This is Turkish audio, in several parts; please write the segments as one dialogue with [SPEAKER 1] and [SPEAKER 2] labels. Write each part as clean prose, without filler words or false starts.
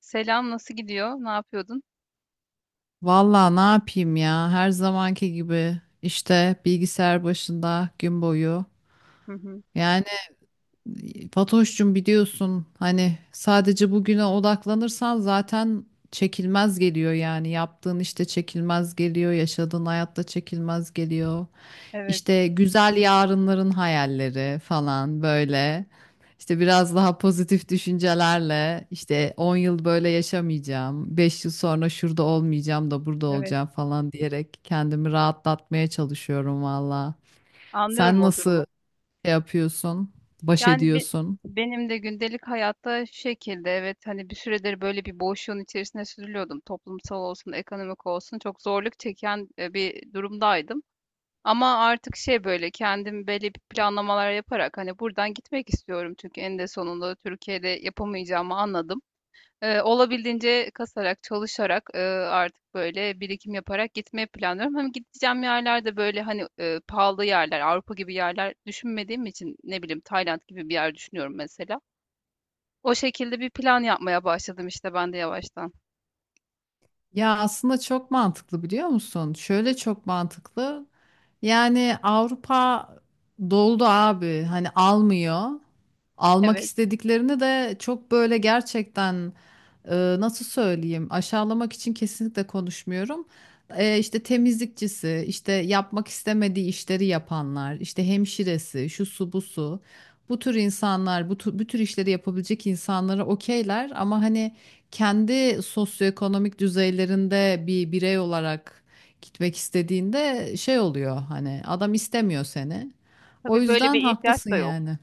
[SPEAKER 1] Selam, nasıl gidiyor? Ne yapıyordun?
[SPEAKER 2] Vallahi ne yapayım ya, her zamanki gibi işte bilgisayar başında gün boyu.
[SPEAKER 1] Hı hı.
[SPEAKER 2] Yani Fatoş'cum, biliyorsun hani sadece bugüne odaklanırsan zaten çekilmez geliyor, yani yaptığın işte çekilmez geliyor, yaşadığın hayatta çekilmez geliyor.
[SPEAKER 1] Evet,
[SPEAKER 2] İşte güzel yarınların hayalleri falan böyle. İşte biraz daha pozitif düşüncelerle, işte 10 yıl böyle yaşamayacağım, 5 yıl sonra şurada olmayacağım da burada
[SPEAKER 1] evet.
[SPEAKER 2] olacağım falan diyerek kendimi rahatlatmaya çalışıyorum valla.
[SPEAKER 1] Anlıyorum
[SPEAKER 2] Sen
[SPEAKER 1] o
[SPEAKER 2] nasıl
[SPEAKER 1] durumu.
[SPEAKER 2] şey yapıyorsun, baş
[SPEAKER 1] Yani
[SPEAKER 2] ediyorsun?
[SPEAKER 1] benim de gündelik hayatta şu şekilde evet hani bir süredir böyle bir boşluğun içerisine sürülüyordum. Toplumsal olsun, ekonomik olsun çok zorluk çeken bir durumdaydım. Ama artık şey böyle kendim belli bir planlamalar yaparak hani buradan gitmek istiyorum çünkü en de sonunda Türkiye'de yapamayacağımı anladım. Olabildiğince kasarak, çalışarak, artık böyle birikim yaparak gitmeyi planlıyorum. Hem gideceğim yerler de böyle hani pahalı yerler, Avrupa gibi yerler düşünmediğim için ne bileyim Tayland gibi bir yer düşünüyorum mesela. O şekilde bir plan yapmaya başladım işte ben de yavaştan.
[SPEAKER 2] Ya aslında çok mantıklı, biliyor musun? Şöyle çok mantıklı. Yani Avrupa doldu abi. Hani almıyor. Almak
[SPEAKER 1] Evet.
[SPEAKER 2] istediklerini de çok böyle gerçekten, nasıl söyleyeyim? Aşağılamak için kesinlikle konuşmuyorum. İşte temizlikçisi, işte yapmak istemediği işleri yapanlar, işte hemşiresi, şu su bu su. Bu tür insanlar, bu tür, bu tür işleri yapabilecek insanlara okeyler, ama hani kendi sosyoekonomik düzeylerinde bir birey olarak gitmek istediğinde şey oluyor, hani adam istemiyor seni. O
[SPEAKER 1] Tabii böyle bir
[SPEAKER 2] yüzden
[SPEAKER 1] ihtiyaç
[SPEAKER 2] haklısın
[SPEAKER 1] da yok.
[SPEAKER 2] yani.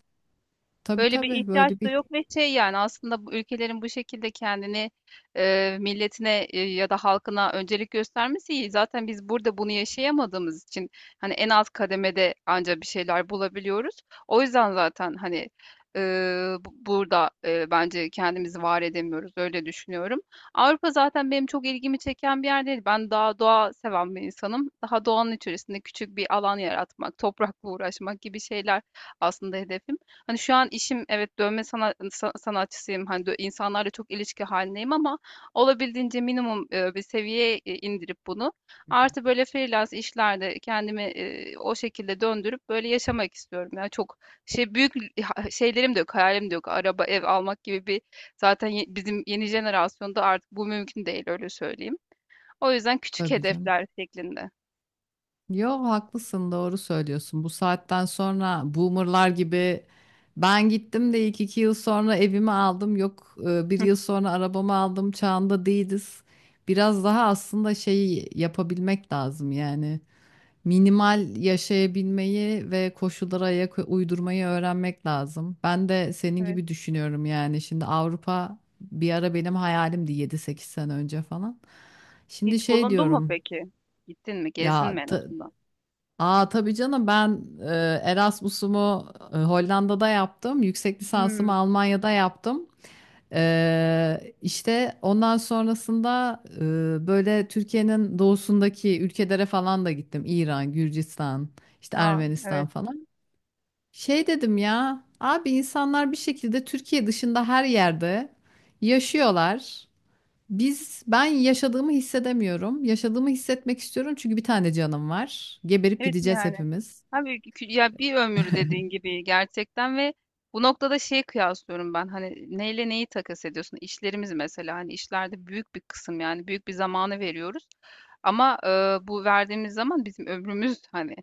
[SPEAKER 2] Tabii
[SPEAKER 1] Böyle bir
[SPEAKER 2] tabii,
[SPEAKER 1] ihtiyaç
[SPEAKER 2] böyle
[SPEAKER 1] da
[SPEAKER 2] bir.
[SPEAKER 1] yok ve şey yani aslında bu ülkelerin bu şekilde kendini milletine ya da halkına öncelik göstermesi iyi. Zaten biz burada bunu yaşayamadığımız için hani en alt kademede anca bir şeyler bulabiliyoruz. O yüzden zaten hani e, burada bence kendimizi var edemiyoruz, öyle düşünüyorum. Avrupa zaten benim çok ilgimi çeken bir yer değil. Ben daha doğa seven bir insanım. Daha doğanın içerisinde küçük bir alan yaratmak, toprakla uğraşmak gibi şeyler aslında hedefim. Hani şu an işim evet dövme sanatçısıyım. Hani insanlarla çok ilişki halindeyim ama olabildiğince minimum bir seviyeye indirip bunu
[SPEAKER 2] Hı hı.
[SPEAKER 1] artı böyle freelance işlerde kendimi o şekilde döndürüp böyle yaşamak istiyorum. Yani çok şey büyük şeylerim de yok, hayalim de yok. Araba, ev almak gibi bir zaten bizim yeni jenerasyonda artık bu mümkün değil, öyle söyleyeyim. O yüzden küçük
[SPEAKER 2] Tabii canım.
[SPEAKER 1] hedefler şeklinde.
[SPEAKER 2] Yok, haklısın, doğru söylüyorsun. Bu saatten sonra boomerlar gibi ben gittim de ilk 2 yıl sonra evimi aldım, yok bir
[SPEAKER 1] Hı,
[SPEAKER 2] yıl sonra arabamı aldım çağında değiliz. Biraz daha aslında şeyi yapabilmek lazım yani. Minimal yaşayabilmeyi ve koşullara ayak uydurmayı öğrenmek lazım. Ben de senin
[SPEAKER 1] evet.
[SPEAKER 2] gibi düşünüyorum yani. Şimdi Avrupa bir ara benim hayalimdi, 7-8 sene önce falan. Şimdi
[SPEAKER 1] Hiç
[SPEAKER 2] şey
[SPEAKER 1] bulundun mu
[SPEAKER 2] diyorum,
[SPEAKER 1] peki? Gittin mi? Gezdin mi
[SPEAKER 2] ya
[SPEAKER 1] en
[SPEAKER 2] ta,
[SPEAKER 1] azından?
[SPEAKER 2] aa, tabii canım, ben Erasmus'umu Hollanda'da yaptım. Yüksek lisansımı
[SPEAKER 1] Hmm.
[SPEAKER 2] Almanya'da yaptım. İşte ondan sonrasında böyle Türkiye'nin doğusundaki ülkelere falan da gittim. İran, Gürcistan, işte
[SPEAKER 1] Ha,
[SPEAKER 2] Ermenistan
[SPEAKER 1] evet.
[SPEAKER 2] falan. Şey dedim ya, abi insanlar bir şekilde Türkiye dışında her yerde yaşıyorlar. Biz, ben yaşadığımı hissedemiyorum. Yaşadığımı hissetmek istiyorum çünkü bir tane canım var. Geberip
[SPEAKER 1] Evet
[SPEAKER 2] gideceğiz
[SPEAKER 1] yani.
[SPEAKER 2] hepimiz.
[SPEAKER 1] Abi ya bir ömür, dediğin gibi gerçekten, ve bu noktada şeyi kıyaslıyorum ben, hani neyle neyi takas ediyorsun? İşlerimiz mesela, hani işlerde büyük bir kısım, yani büyük bir zamanı veriyoruz. Ama bu verdiğimiz zaman bizim ömrümüz hani,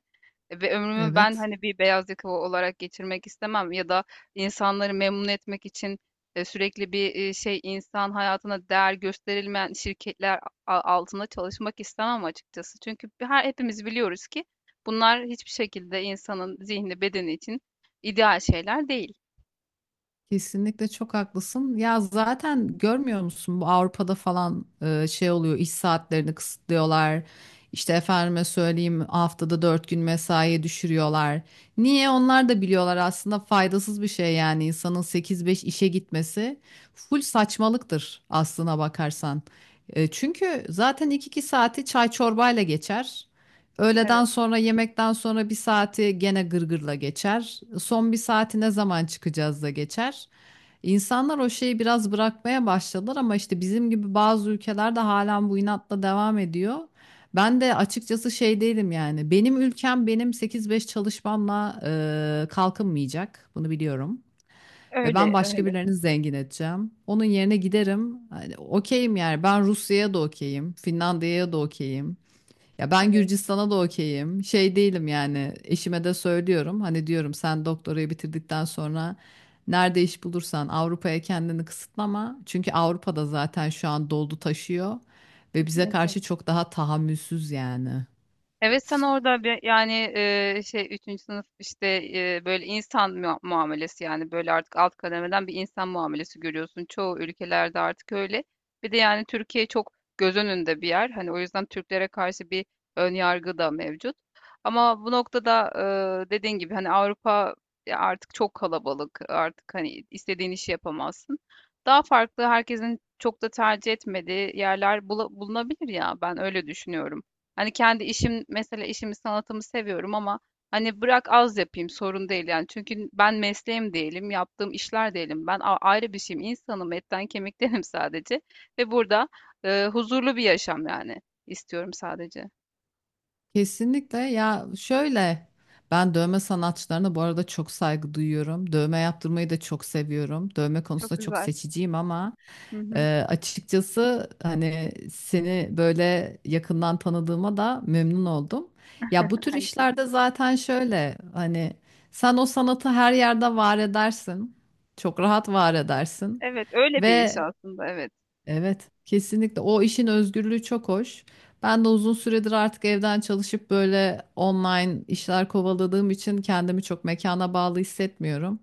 [SPEAKER 1] ve ömrümü ben
[SPEAKER 2] Evet.
[SPEAKER 1] hani bir beyaz yakalı olarak geçirmek istemem, ya da insanları memnun etmek için sürekli bir şey, insan hayatına değer gösterilmeyen şirketler altında çalışmak istemem açıkçası. Çünkü her hepimiz biliyoruz ki bunlar hiçbir şekilde insanın zihni, bedeni için ideal şeyler değil.
[SPEAKER 2] Kesinlikle çok haklısın. Ya zaten görmüyor musun, bu Avrupa'da falan şey oluyor, iş saatlerini kısıtlıyorlar. İşte efendime söyleyeyim, haftada 4 gün mesaiye düşürüyorlar. Niye? Onlar da biliyorlar aslında faydasız bir şey, yani insanın 8-5 işe gitmesi full saçmalıktır aslına bakarsan. E, çünkü zaten iki saati çay çorbayla geçer. Öğleden
[SPEAKER 1] Evet,
[SPEAKER 2] sonra yemekten sonra bir saati gene gırgırla geçer. Son bir saati ne zaman çıkacağız da geçer. İnsanlar o şeyi biraz bırakmaya başladılar ama işte bizim gibi bazı ülkelerde halen bu inatla devam ediyor. Ben de açıkçası şey değilim yani. Benim ülkem benim 8-5 çalışmamla kalkınmayacak. Bunu biliyorum. Ve ben
[SPEAKER 1] öyle,
[SPEAKER 2] başka
[SPEAKER 1] öyle.
[SPEAKER 2] birilerini zengin edeceğim. Onun yerine giderim. Hani okeyim yani. Ben Rusya'ya da okeyim. Finlandiya'ya da okeyim. Ya ben
[SPEAKER 1] Evet,
[SPEAKER 2] Gürcistan'a da okeyim. Şey değilim yani, eşime de söylüyorum. Hani diyorum, sen doktorayı bitirdikten sonra nerede iş bulursan Avrupa'ya kendini kısıtlama. Çünkü Avrupa'da zaten şu an doldu taşıyor ve bize
[SPEAKER 1] kesinlikle.
[SPEAKER 2] karşı çok daha tahammülsüz yani.
[SPEAKER 1] Evet, sen orada bir yani şey 3. sınıf işte böyle insan muamelesi, yani böyle artık alt kademeden bir insan muamelesi görüyorsun. Çoğu ülkelerde artık öyle. Bir de yani Türkiye çok göz önünde bir yer. Hani o yüzden Türklere karşı bir ön yargı da mevcut. Ama bu noktada dediğin gibi hani Avrupa ya artık çok kalabalık. Artık hani istediğin işi yapamazsın. Daha farklı, herkesin çok da tercih etmediği yerler bulunabilir ya, ben öyle düşünüyorum. Hani kendi işim mesela, işimi sanatımı seviyorum ama hani bırak az yapayım, sorun değil yani. Çünkü ben mesleğim değilim, yaptığım işler değilim. Ben ayrı bir şeyim, insanım, etten kemiktenim sadece. Ve burada huzurlu bir yaşam yani istiyorum sadece.
[SPEAKER 2] Kesinlikle, ya şöyle, ben dövme sanatçılarına bu arada çok saygı duyuyorum. Dövme yaptırmayı da çok seviyorum. Dövme
[SPEAKER 1] Çok
[SPEAKER 2] konusunda çok
[SPEAKER 1] güzel.
[SPEAKER 2] seçiciyim, ama
[SPEAKER 1] Hı hı,
[SPEAKER 2] Açıkçası hani seni böyle yakından tanıdığıma da memnun oldum. Ya bu tür
[SPEAKER 1] aynı
[SPEAKER 2] işlerde
[SPEAKER 1] şekilde.
[SPEAKER 2] zaten şöyle hani sen o sanatı her yerde var edersin. Çok rahat var edersin.
[SPEAKER 1] Evet, öyle bir iş
[SPEAKER 2] Ve
[SPEAKER 1] aslında, evet.
[SPEAKER 2] evet, kesinlikle. O işin özgürlüğü çok hoş. Ben de uzun süredir artık evden çalışıp böyle online işler kovaladığım için kendimi çok mekana bağlı hissetmiyorum.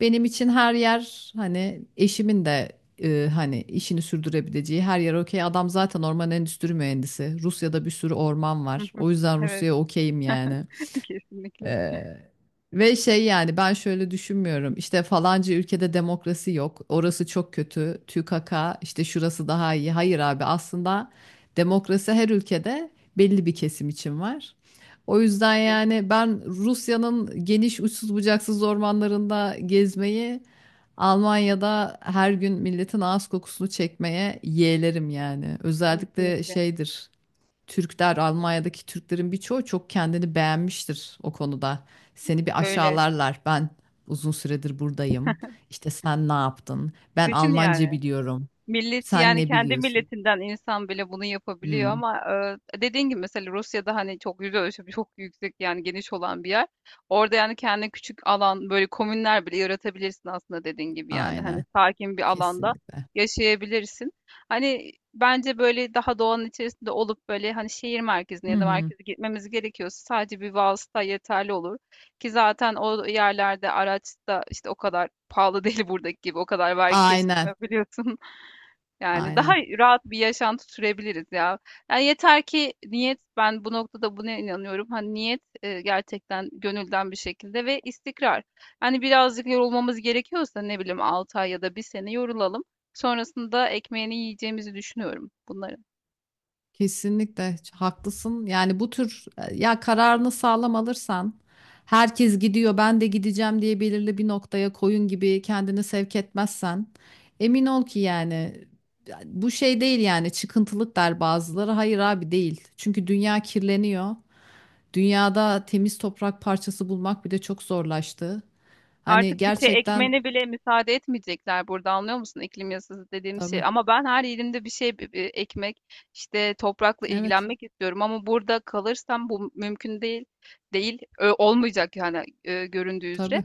[SPEAKER 2] Benim için her yer, hani eşimin de hani işini sürdürebileceği her yer okey. Adam zaten orman endüstri mühendisi. Rusya'da bir sürü orman var. O yüzden
[SPEAKER 1] Evet,
[SPEAKER 2] Rusya'ya okeyim yani.
[SPEAKER 1] kesinlikle.
[SPEAKER 2] Ee, ve şey, yani ben şöyle düşünmüyorum. İşte falanca ülkede demokrasi yok. Orası çok kötü. TÜKAKA, işte şurası daha iyi. Hayır abi, aslında demokrasi her ülkede belli bir kesim için var. O yüzden
[SPEAKER 1] Tabii,
[SPEAKER 2] yani ben Rusya'nın geniş, uçsuz bucaksız ormanlarında gezmeyi Almanya'da her gün milletin ağız kokusunu çekmeye yeğlerim yani. Özellikle
[SPEAKER 1] kesinlikle.
[SPEAKER 2] şeydir. Türkler, Almanya'daki Türklerin birçoğu çok kendini beğenmiştir o konuda. Seni bir
[SPEAKER 1] Öyle.
[SPEAKER 2] aşağılarlar. Ben uzun süredir buradayım. İşte sen ne yaptın? Ben
[SPEAKER 1] Düşün
[SPEAKER 2] Almanca
[SPEAKER 1] yani.
[SPEAKER 2] biliyorum.
[SPEAKER 1] Millet
[SPEAKER 2] Sen
[SPEAKER 1] yani,
[SPEAKER 2] ne
[SPEAKER 1] kendi
[SPEAKER 2] biliyorsun?
[SPEAKER 1] milletinden insan bile bunu yapabiliyor
[SPEAKER 2] Hmm,
[SPEAKER 1] ama dediğin gibi mesela Rusya'da hani çok yüz ölçümü çok yüksek, yani geniş olan bir yer. Orada yani kendi küçük alan, böyle komünler bile yaratabilirsin aslında, dediğin gibi, yani hani
[SPEAKER 2] aynen.
[SPEAKER 1] sakin bir alanda
[SPEAKER 2] Kesinlikle.
[SPEAKER 1] yaşayabilirsin. Hani bence böyle daha doğanın içerisinde olup, böyle hani şehir merkezine
[SPEAKER 2] Hı
[SPEAKER 1] ya da
[SPEAKER 2] hı.
[SPEAKER 1] merkeze gitmemiz gerekiyorsa sadece bir vasıta yeterli olur. Ki zaten o yerlerde araç da işte o kadar pahalı değil, buradaki gibi o kadar vergi
[SPEAKER 2] Aynen.
[SPEAKER 1] kesilmiyor, biliyorsun. Yani daha
[SPEAKER 2] Aynen.
[SPEAKER 1] rahat bir yaşantı sürebiliriz ya. Yani yeter ki niyet, ben bu noktada buna inanıyorum. Hani niyet gerçekten gönülden bir şekilde, ve istikrar. Hani birazcık yorulmamız gerekiyorsa, ne bileyim 6 ay ya da bir sene yorulalım. Sonrasında ekmeğini yiyeceğimizi düşünüyorum bunların.
[SPEAKER 2] Kesinlikle haklısın. Yani bu tür ya kararını sağlam alırsan, herkes gidiyor ben de gideceğim diye belirli bir noktaya koyun gibi kendini sevk etmezsen, emin ol ki yani bu şey değil yani, çıkıntılık der bazıları. Hayır abi, değil. Çünkü dünya kirleniyor. Dünyada temiz toprak parçası bulmak bile çok zorlaştı. Hani
[SPEAKER 1] Artık bir şey
[SPEAKER 2] gerçekten,
[SPEAKER 1] ekmene bile müsaade etmeyecekler burada, anlıyor musun, iklim yasası dediğim şey.
[SPEAKER 2] tabii.
[SPEAKER 1] Ama ben her yerimde bir şey ekmek işte, toprakla
[SPEAKER 2] Evet,
[SPEAKER 1] ilgilenmek istiyorum ama burada kalırsam bu mümkün değil, olmayacak yani göründüğü üzere.
[SPEAKER 2] tabii.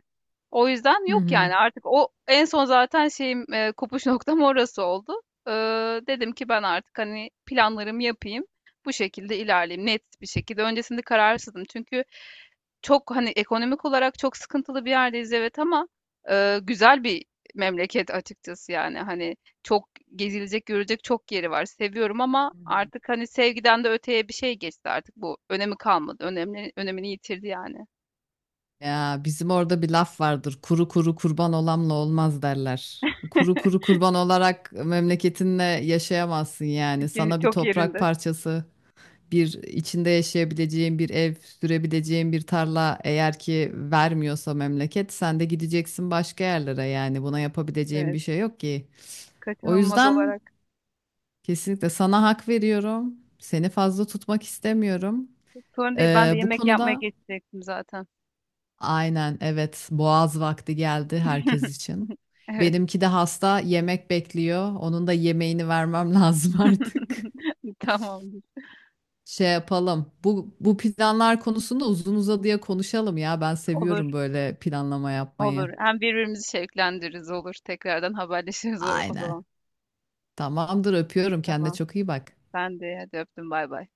[SPEAKER 1] O yüzden
[SPEAKER 2] Hı
[SPEAKER 1] yok
[SPEAKER 2] hı.
[SPEAKER 1] yani, artık o en son zaten şeyim kopuş noktam orası oldu. Ee, Dedim ki ben artık hani planlarımı yapayım. Bu şekilde ilerleyeyim net bir şekilde. Öncesinde kararsızdım çünkü çok hani ekonomik olarak çok sıkıntılı bir yerdeyiz, evet, ama güzel bir memleket açıkçası, yani hani çok gezilecek görecek çok yeri var, seviyorum, ama artık hani sevgiden de öteye bir şey geçti, artık bu önemi kalmadı, önemini yitirdi yani.
[SPEAKER 2] Ya bizim orada bir laf vardır. Kuru kuru kurban olanla olmaz derler. Kuru kuru kurban olarak memleketinle yaşayamazsın yani. Sana bir
[SPEAKER 1] Çok
[SPEAKER 2] toprak
[SPEAKER 1] yerinde.
[SPEAKER 2] parçası, bir içinde yaşayabileceğin bir ev, sürebileceğin bir tarla eğer ki vermiyorsa memleket, sen de gideceksin başka yerlere yani. Buna yapabileceğin bir
[SPEAKER 1] Evet.
[SPEAKER 2] şey yok ki. O
[SPEAKER 1] Kaçınılmaz
[SPEAKER 2] yüzden
[SPEAKER 1] olarak.
[SPEAKER 2] kesinlikle sana hak veriyorum. Seni fazla tutmak istemiyorum.
[SPEAKER 1] Sorun değil, ben de
[SPEAKER 2] Bu
[SPEAKER 1] yemek yapmaya
[SPEAKER 2] konuda,
[SPEAKER 1] geçecektim zaten.
[SPEAKER 2] aynen, evet, boğaz vakti geldi herkes için.
[SPEAKER 1] Evet.
[SPEAKER 2] Benimki de hasta, yemek bekliyor. Onun da yemeğini vermem lazım artık.
[SPEAKER 1] Tamamdır.
[SPEAKER 2] Şey yapalım. Bu planlar konusunda uzun uzadıya konuşalım ya. Ben
[SPEAKER 1] Olur,
[SPEAKER 2] seviyorum böyle planlama yapmayı.
[SPEAKER 1] olur. Hem birbirimizi şevklendiririz, olur. Tekrardan haberleşiriz o
[SPEAKER 2] Aynen.
[SPEAKER 1] zaman.
[SPEAKER 2] Tamamdır, öpüyorum. Kendine
[SPEAKER 1] Tamam.
[SPEAKER 2] çok iyi bak.
[SPEAKER 1] Ben de hadi öptüm, bay bay.